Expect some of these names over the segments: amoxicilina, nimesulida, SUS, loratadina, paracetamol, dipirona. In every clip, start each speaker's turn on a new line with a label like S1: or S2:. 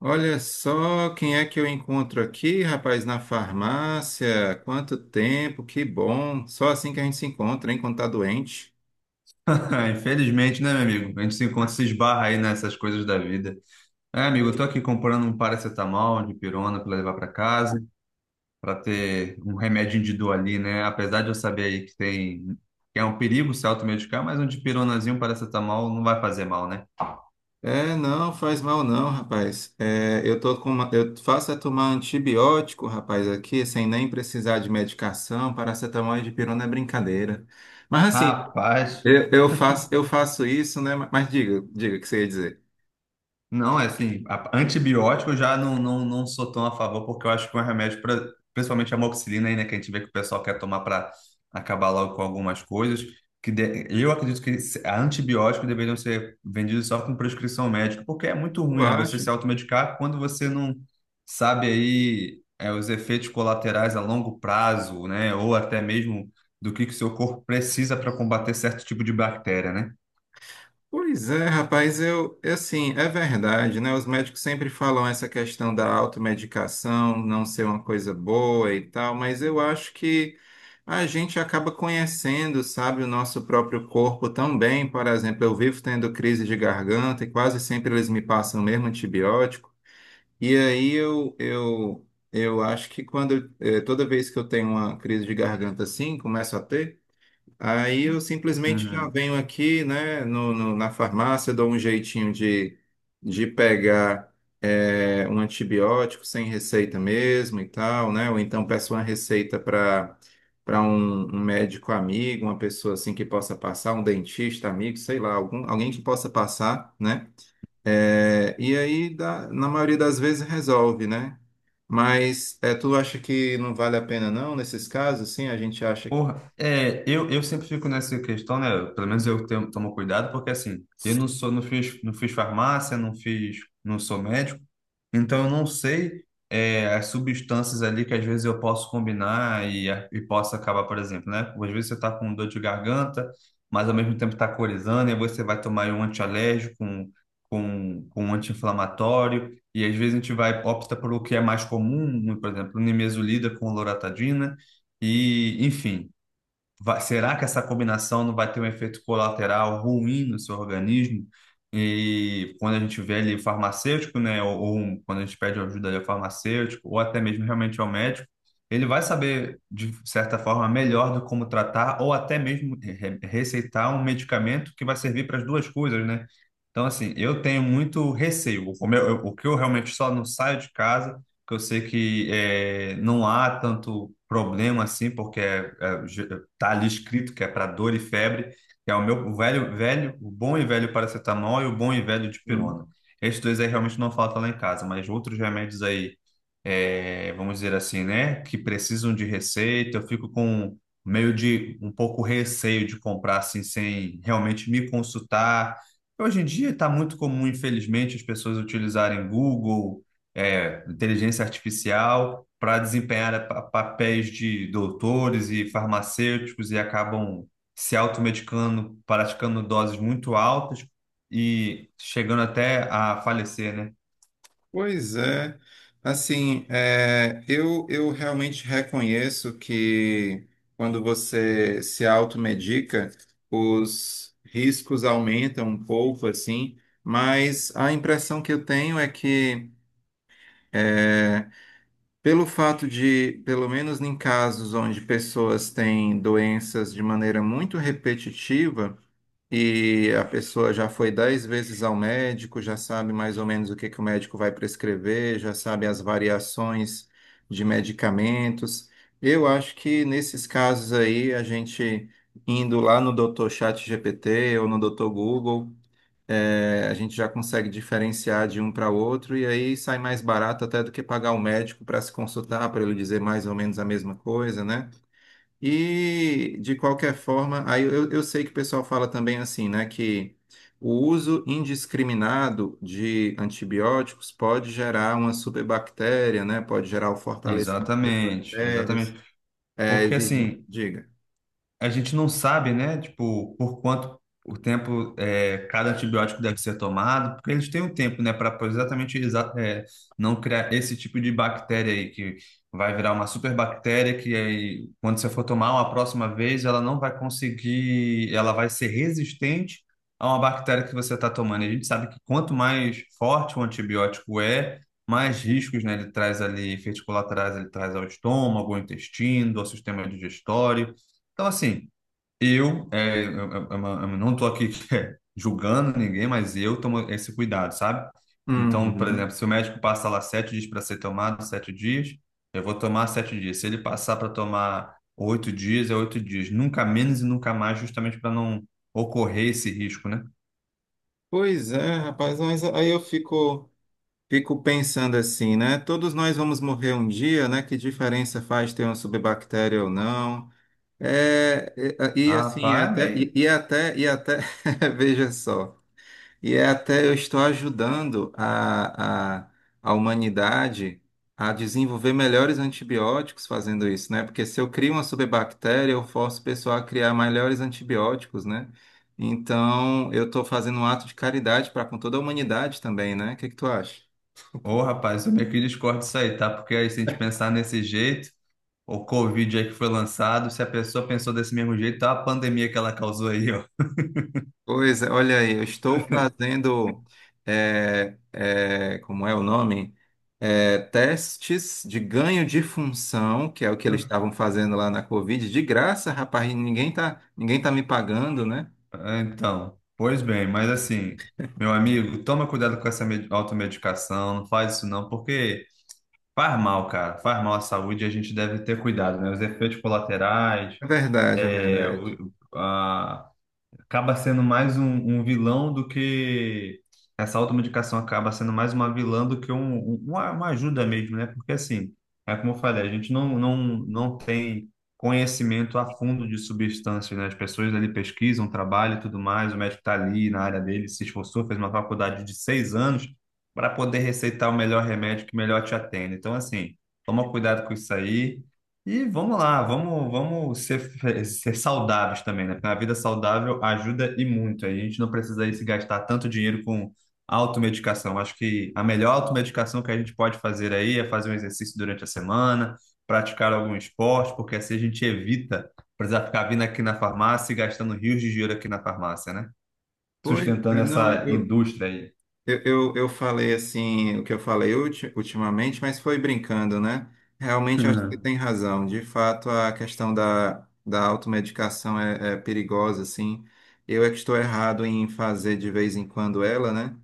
S1: Olha só quem é que eu encontro aqui, rapaz, na farmácia. Quanto tempo, que bom. Só assim que a gente se encontra, hein, quando tá doente.
S2: Ah, infelizmente, né, meu amigo? A gente se encontra, se esbarra aí nessas coisas da vida. É, amigo, eu tô aqui comprando um paracetamol de pirona para levar para casa, para ter um remédio de dor ali, né? Apesar de eu saber aí que tem que é um perigo se automedicar, mas um dipironazinho, um paracetamol não vai fazer mal, né?
S1: É, não, faz mal não, rapaz. É, eu tô com eu faço é tomar antibiótico, rapaz, aqui, sem nem precisar de medicação. Paracetamol e dipirona é brincadeira. Mas assim,
S2: Rapaz,
S1: eu faço isso, né? Mas diga o que você ia dizer.
S2: não, é assim, antibiótico eu já não sou tão a favor, porque eu acho que é um remédio, pra, principalmente a amoxicilina aí, né, que a gente vê que o pessoal quer tomar para acabar logo com algumas coisas, eu acredito que se- a antibiótico deveriam ser vendidos só com prescrição médica, porque é muito
S1: Tu
S2: ruim, né, você
S1: acha?
S2: se automedicar quando você não sabe aí é, os efeitos colaterais a longo prazo, né, ou até mesmo do que o seu corpo precisa para combater certo tipo de bactéria, né?
S1: Pois é, rapaz, eu, assim, é verdade, né? Os médicos sempre falam essa questão da automedicação não ser uma coisa boa e tal, mas eu acho que a gente acaba conhecendo, sabe, o nosso próprio corpo tão bem. Por exemplo, eu vivo tendo crise de garganta e quase sempre eles me passam mesmo antibiótico. E aí eu acho que toda vez que eu tenho uma crise de garganta assim, começo a ter. Aí eu simplesmente já
S2: Uhum.
S1: venho aqui, né, na farmácia, dou um jeitinho de pegar um antibiótico sem receita mesmo e tal, né? Ou então peço uma receita para um médico amigo, uma pessoa assim que possa passar, um dentista amigo, sei lá, algum, alguém que possa passar, né? É, e aí, na maioria das vezes, resolve, né? Mas é, tu acha que não vale a pena não, nesses casos, sim, a gente acha que...
S2: Porra, é, eu sempre fico nessa questão, né? Pelo menos eu tenho, tomo cuidado, porque assim, eu não sou, não fiz, não fiz farmácia, não sou médico, então eu não sei é, as substâncias ali que às vezes eu posso combinar e posso acabar, por exemplo, né? Às vezes você tá com dor de garganta, mas ao mesmo tempo tá corizando, e aí você vai tomar aí um antialérgico, um, com um anti-inflamatório, e às vezes a gente vai, opta por o que é mais comum, por exemplo, nimesulida com loratadina, e enfim será que essa combinação não vai ter um efeito colateral ruim no seu organismo? E quando a gente vê ali o farmacêutico, né, ou quando a gente pede ajuda ali ao farmacêutico, ou até mesmo realmente ao médico, ele vai saber, de certa forma, melhor do como tratar, ou até mesmo receitar um medicamento que vai servir para as duas coisas, né? Então, assim, eu tenho muito receio. O que eu realmente só não saio de casa, que eu sei que não há tanto problema assim, porque tá ali escrito que é para dor e febre, que é o meu velho, o bom e velho paracetamol e o bom e velho dipirona. Esses dois aí realmente não faltam lá em casa, mas outros remédios aí é, vamos dizer assim, né, que precisam de receita, eu fico com meio de um pouco receio de comprar assim sem realmente me consultar. Hoje em dia está muito comum, infelizmente, as pessoas utilizarem Google, é, inteligência artificial para desempenhar papéis de doutores e farmacêuticos e acabam se automedicando, praticando doses muito altas e chegando até a falecer, né?
S1: Pois é. Assim, eu realmente reconheço que quando você se automedica, os riscos aumentam um pouco, assim, mas a impressão que eu tenho é que, é, pelo fato de, pelo menos em casos onde pessoas têm doenças de maneira muito repetitiva, e a pessoa já foi 10 vezes ao médico, já sabe mais ou menos o que que o médico vai prescrever, já sabe as variações de medicamentos. Eu acho que nesses casos aí, a gente indo lá no Dr. GPT ou no doutor Google, a gente já consegue diferenciar de um para outro e aí sai mais barato até do que pagar o médico para se consultar, para ele dizer mais ou menos a mesma coisa, né? E, de qualquer forma, aí eu sei que o pessoal fala também assim, né, que o uso indiscriminado de antibióticos pode gerar uma superbactéria, né, pode gerar o fortalecimento das
S2: Exatamente,
S1: bactérias,
S2: exatamente. Porque
S1: exige...
S2: assim,
S1: Diga.
S2: a gente não sabe, né, tipo, por quanto o tempo é, cada antibiótico deve ser tomado, porque eles têm um tempo, né, para é, não criar esse tipo de bactéria aí, que vai virar uma superbactéria que aí, quando você for tomar uma próxima vez, ela não vai conseguir, ela vai ser resistente a uma bactéria que você está tomando. E a gente sabe que quanto mais forte o antibiótico é, mais riscos, né, ele traz ali, efeitos colaterais, ele traz ao estômago, ao intestino, ao sistema digestório. Então, assim, eu, é, eu não estou aqui julgando ninguém, mas eu tomo esse cuidado, sabe? Então, por exemplo,
S1: Uhum.
S2: se o médico passa lá 7 dias para ser tomado, 7 dias, eu vou tomar 7 dias. Se ele passar para tomar 8 dias, é 8 dias. Nunca menos e nunca mais, justamente para não ocorrer esse risco, né?
S1: Pois é, rapaz, mas aí eu fico pensando assim, né, todos nós vamos morrer um dia, né, que diferença faz ter uma superbactéria ou não? É, e, e,
S2: Ah,
S1: assim, é
S2: rapaz, é
S1: até,
S2: meio...
S1: veja só, e é até eu estou ajudando a humanidade a desenvolver melhores antibióticos fazendo isso, né? Porque se eu crio uma superbactéria, eu forço o pessoal a criar melhores antibióticos, né? Então, eu estou fazendo um ato de caridade para com toda a humanidade também, né? O que que tu acha?
S2: Ô, rapaz, eu meio que discordo disso aí, tá? Porque aí, se a gente pensar nesse jeito, o Covid aí que foi lançado, se a pessoa pensou desse mesmo jeito, tá a pandemia que ela causou aí, ó.
S1: Pois é, olha aí, eu estou fazendo, como é o nome? É, testes de ganho de função, que é o que eles estavam fazendo lá na Covid, de graça, rapaz, e ninguém tá me pagando, né?
S2: É, então, pois bem, mas assim, meu amigo, toma cuidado com essa automedicação, não faz isso não, porque faz mal, cara, faz mal à saúde e a gente deve ter cuidado, né? Os efeitos colaterais,
S1: É verdade, é verdade.
S2: acaba sendo mais um, um vilão do que essa automedicação acaba sendo mais uma vilã do que uma ajuda mesmo, né? Porque assim, é como eu falei, a gente não tem conhecimento a fundo de substâncias, né? As pessoas ali pesquisam, trabalham e tudo mais, o médico está ali na área dele, se esforçou, fez uma faculdade de 6 anos para poder receitar o melhor remédio que melhor te atende. Então, assim, toma cuidado com isso aí. E vamos lá, vamos ser saudáveis também, né? Porque a vida saudável ajuda e muito. A gente não precisa aí se gastar tanto dinheiro com automedicação. Acho que a melhor automedicação que a gente pode fazer aí é fazer um exercício durante a semana, praticar algum esporte, porque assim a gente evita precisar ficar vindo aqui na farmácia e gastando rios de dinheiro aqui na farmácia, né?
S1: Pois
S2: Sustentando
S1: é, não,
S2: essa
S1: eu,
S2: indústria aí.
S1: Eu, eu, eu falei assim, o que eu falei ultimamente, mas foi brincando, né? Realmente eu acho que tem razão. De fato, a questão da automedicação é perigosa, assim. Eu é que estou errado em fazer de vez em quando ela, né?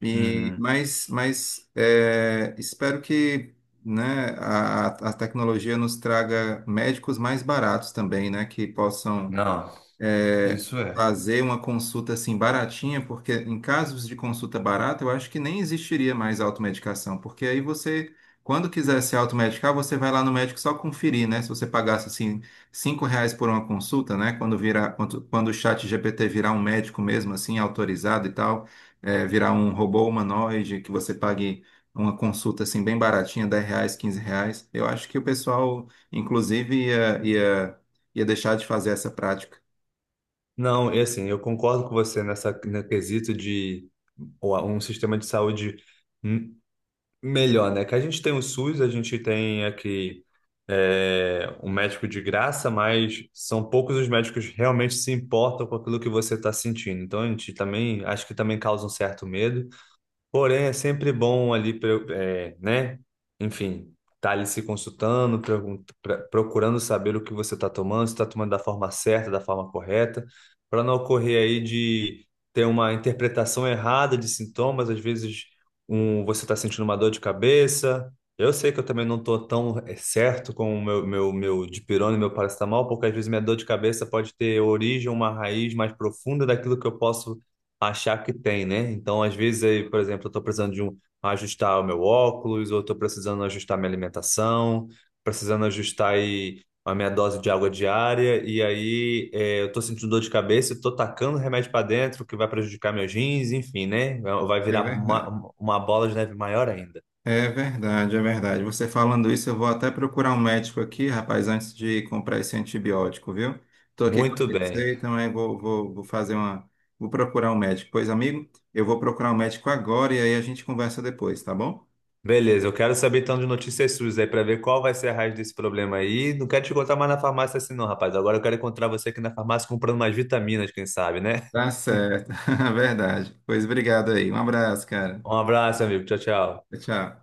S1: E,
S2: Uhum.
S1: mas espero que né, a tecnologia nos traga médicos mais baratos também, né? Que possam
S2: Não,
S1: é,
S2: isso é.
S1: fazer uma consulta assim baratinha, porque em casos de consulta barata, eu acho que nem existiria mais automedicação, porque aí você, quando quiser se automedicar, você vai lá no médico só conferir, né? Se você pagasse assim R$ 5 por uma consulta, né? Quando o chat GPT virar um médico mesmo, assim, autorizado e tal, virar um robô humanoide, que você pague uma consulta assim bem baratinha, R$ 10, R$ 15, eu acho que o pessoal, inclusive, ia deixar de fazer essa prática.
S2: Não, e assim, eu concordo com você nessa no quesito de um sistema de saúde m- melhor, né? Que a gente tem o SUS, a gente tem aqui é, um médico de graça, mas são poucos os médicos que realmente se importam com aquilo que você está sentindo. Então, a gente também, acho que também causa um certo medo. Porém, é sempre bom ali, é, né? Enfim, tá ali se consultando, procurando saber o que você está tomando, se está tomando da forma certa, da forma correta, para não ocorrer aí de ter uma interpretação errada de sintomas. Às vezes, um, você está sentindo uma dor de cabeça. Eu sei que eu também não estou tão é, certo com o meu dipirona e meu paracetamol, porque às vezes minha dor de cabeça pode ter origem, uma raiz mais profunda daquilo que eu posso achar que tem, né? Então, às vezes, aí, por exemplo, eu estou precisando de ajustar o meu óculos, ou estou precisando ajustar minha alimentação, precisando ajustar aí a minha dose de água diária, e aí é, eu estou sentindo dor de cabeça, estou tacando remédio para dentro, que vai prejudicar meus rins, enfim, né? É, vai
S1: É
S2: virar
S1: verdade.
S2: uma bola de neve maior ainda.
S1: É verdade, é verdade. Você falando isso, eu vou até procurar um médico aqui, rapaz, antes de comprar esse antibiótico, viu? Estou aqui com a
S2: Muito bem.
S1: receita, mas vou fazer uma. Vou procurar um médico. Pois, amigo, eu vou procurar um médico agora e aí a gente conversa depois, tá bom?
S2: Beleza, eu quero saber então de notícias suas aí para ver qual vai ser a raiz desse problema aí. Não quero te encontrar mais na farmácia assim não, rapaz. Agora eu quero encontrar você aqui na farmácia comprando mais vitaminas, quem sabe, né?
S1: Tá certo, verdade. Pois obrigado aí. Um abraço, cara.
S2: Um abraço, amigo. Tchau, tchau.
S1: Tchau.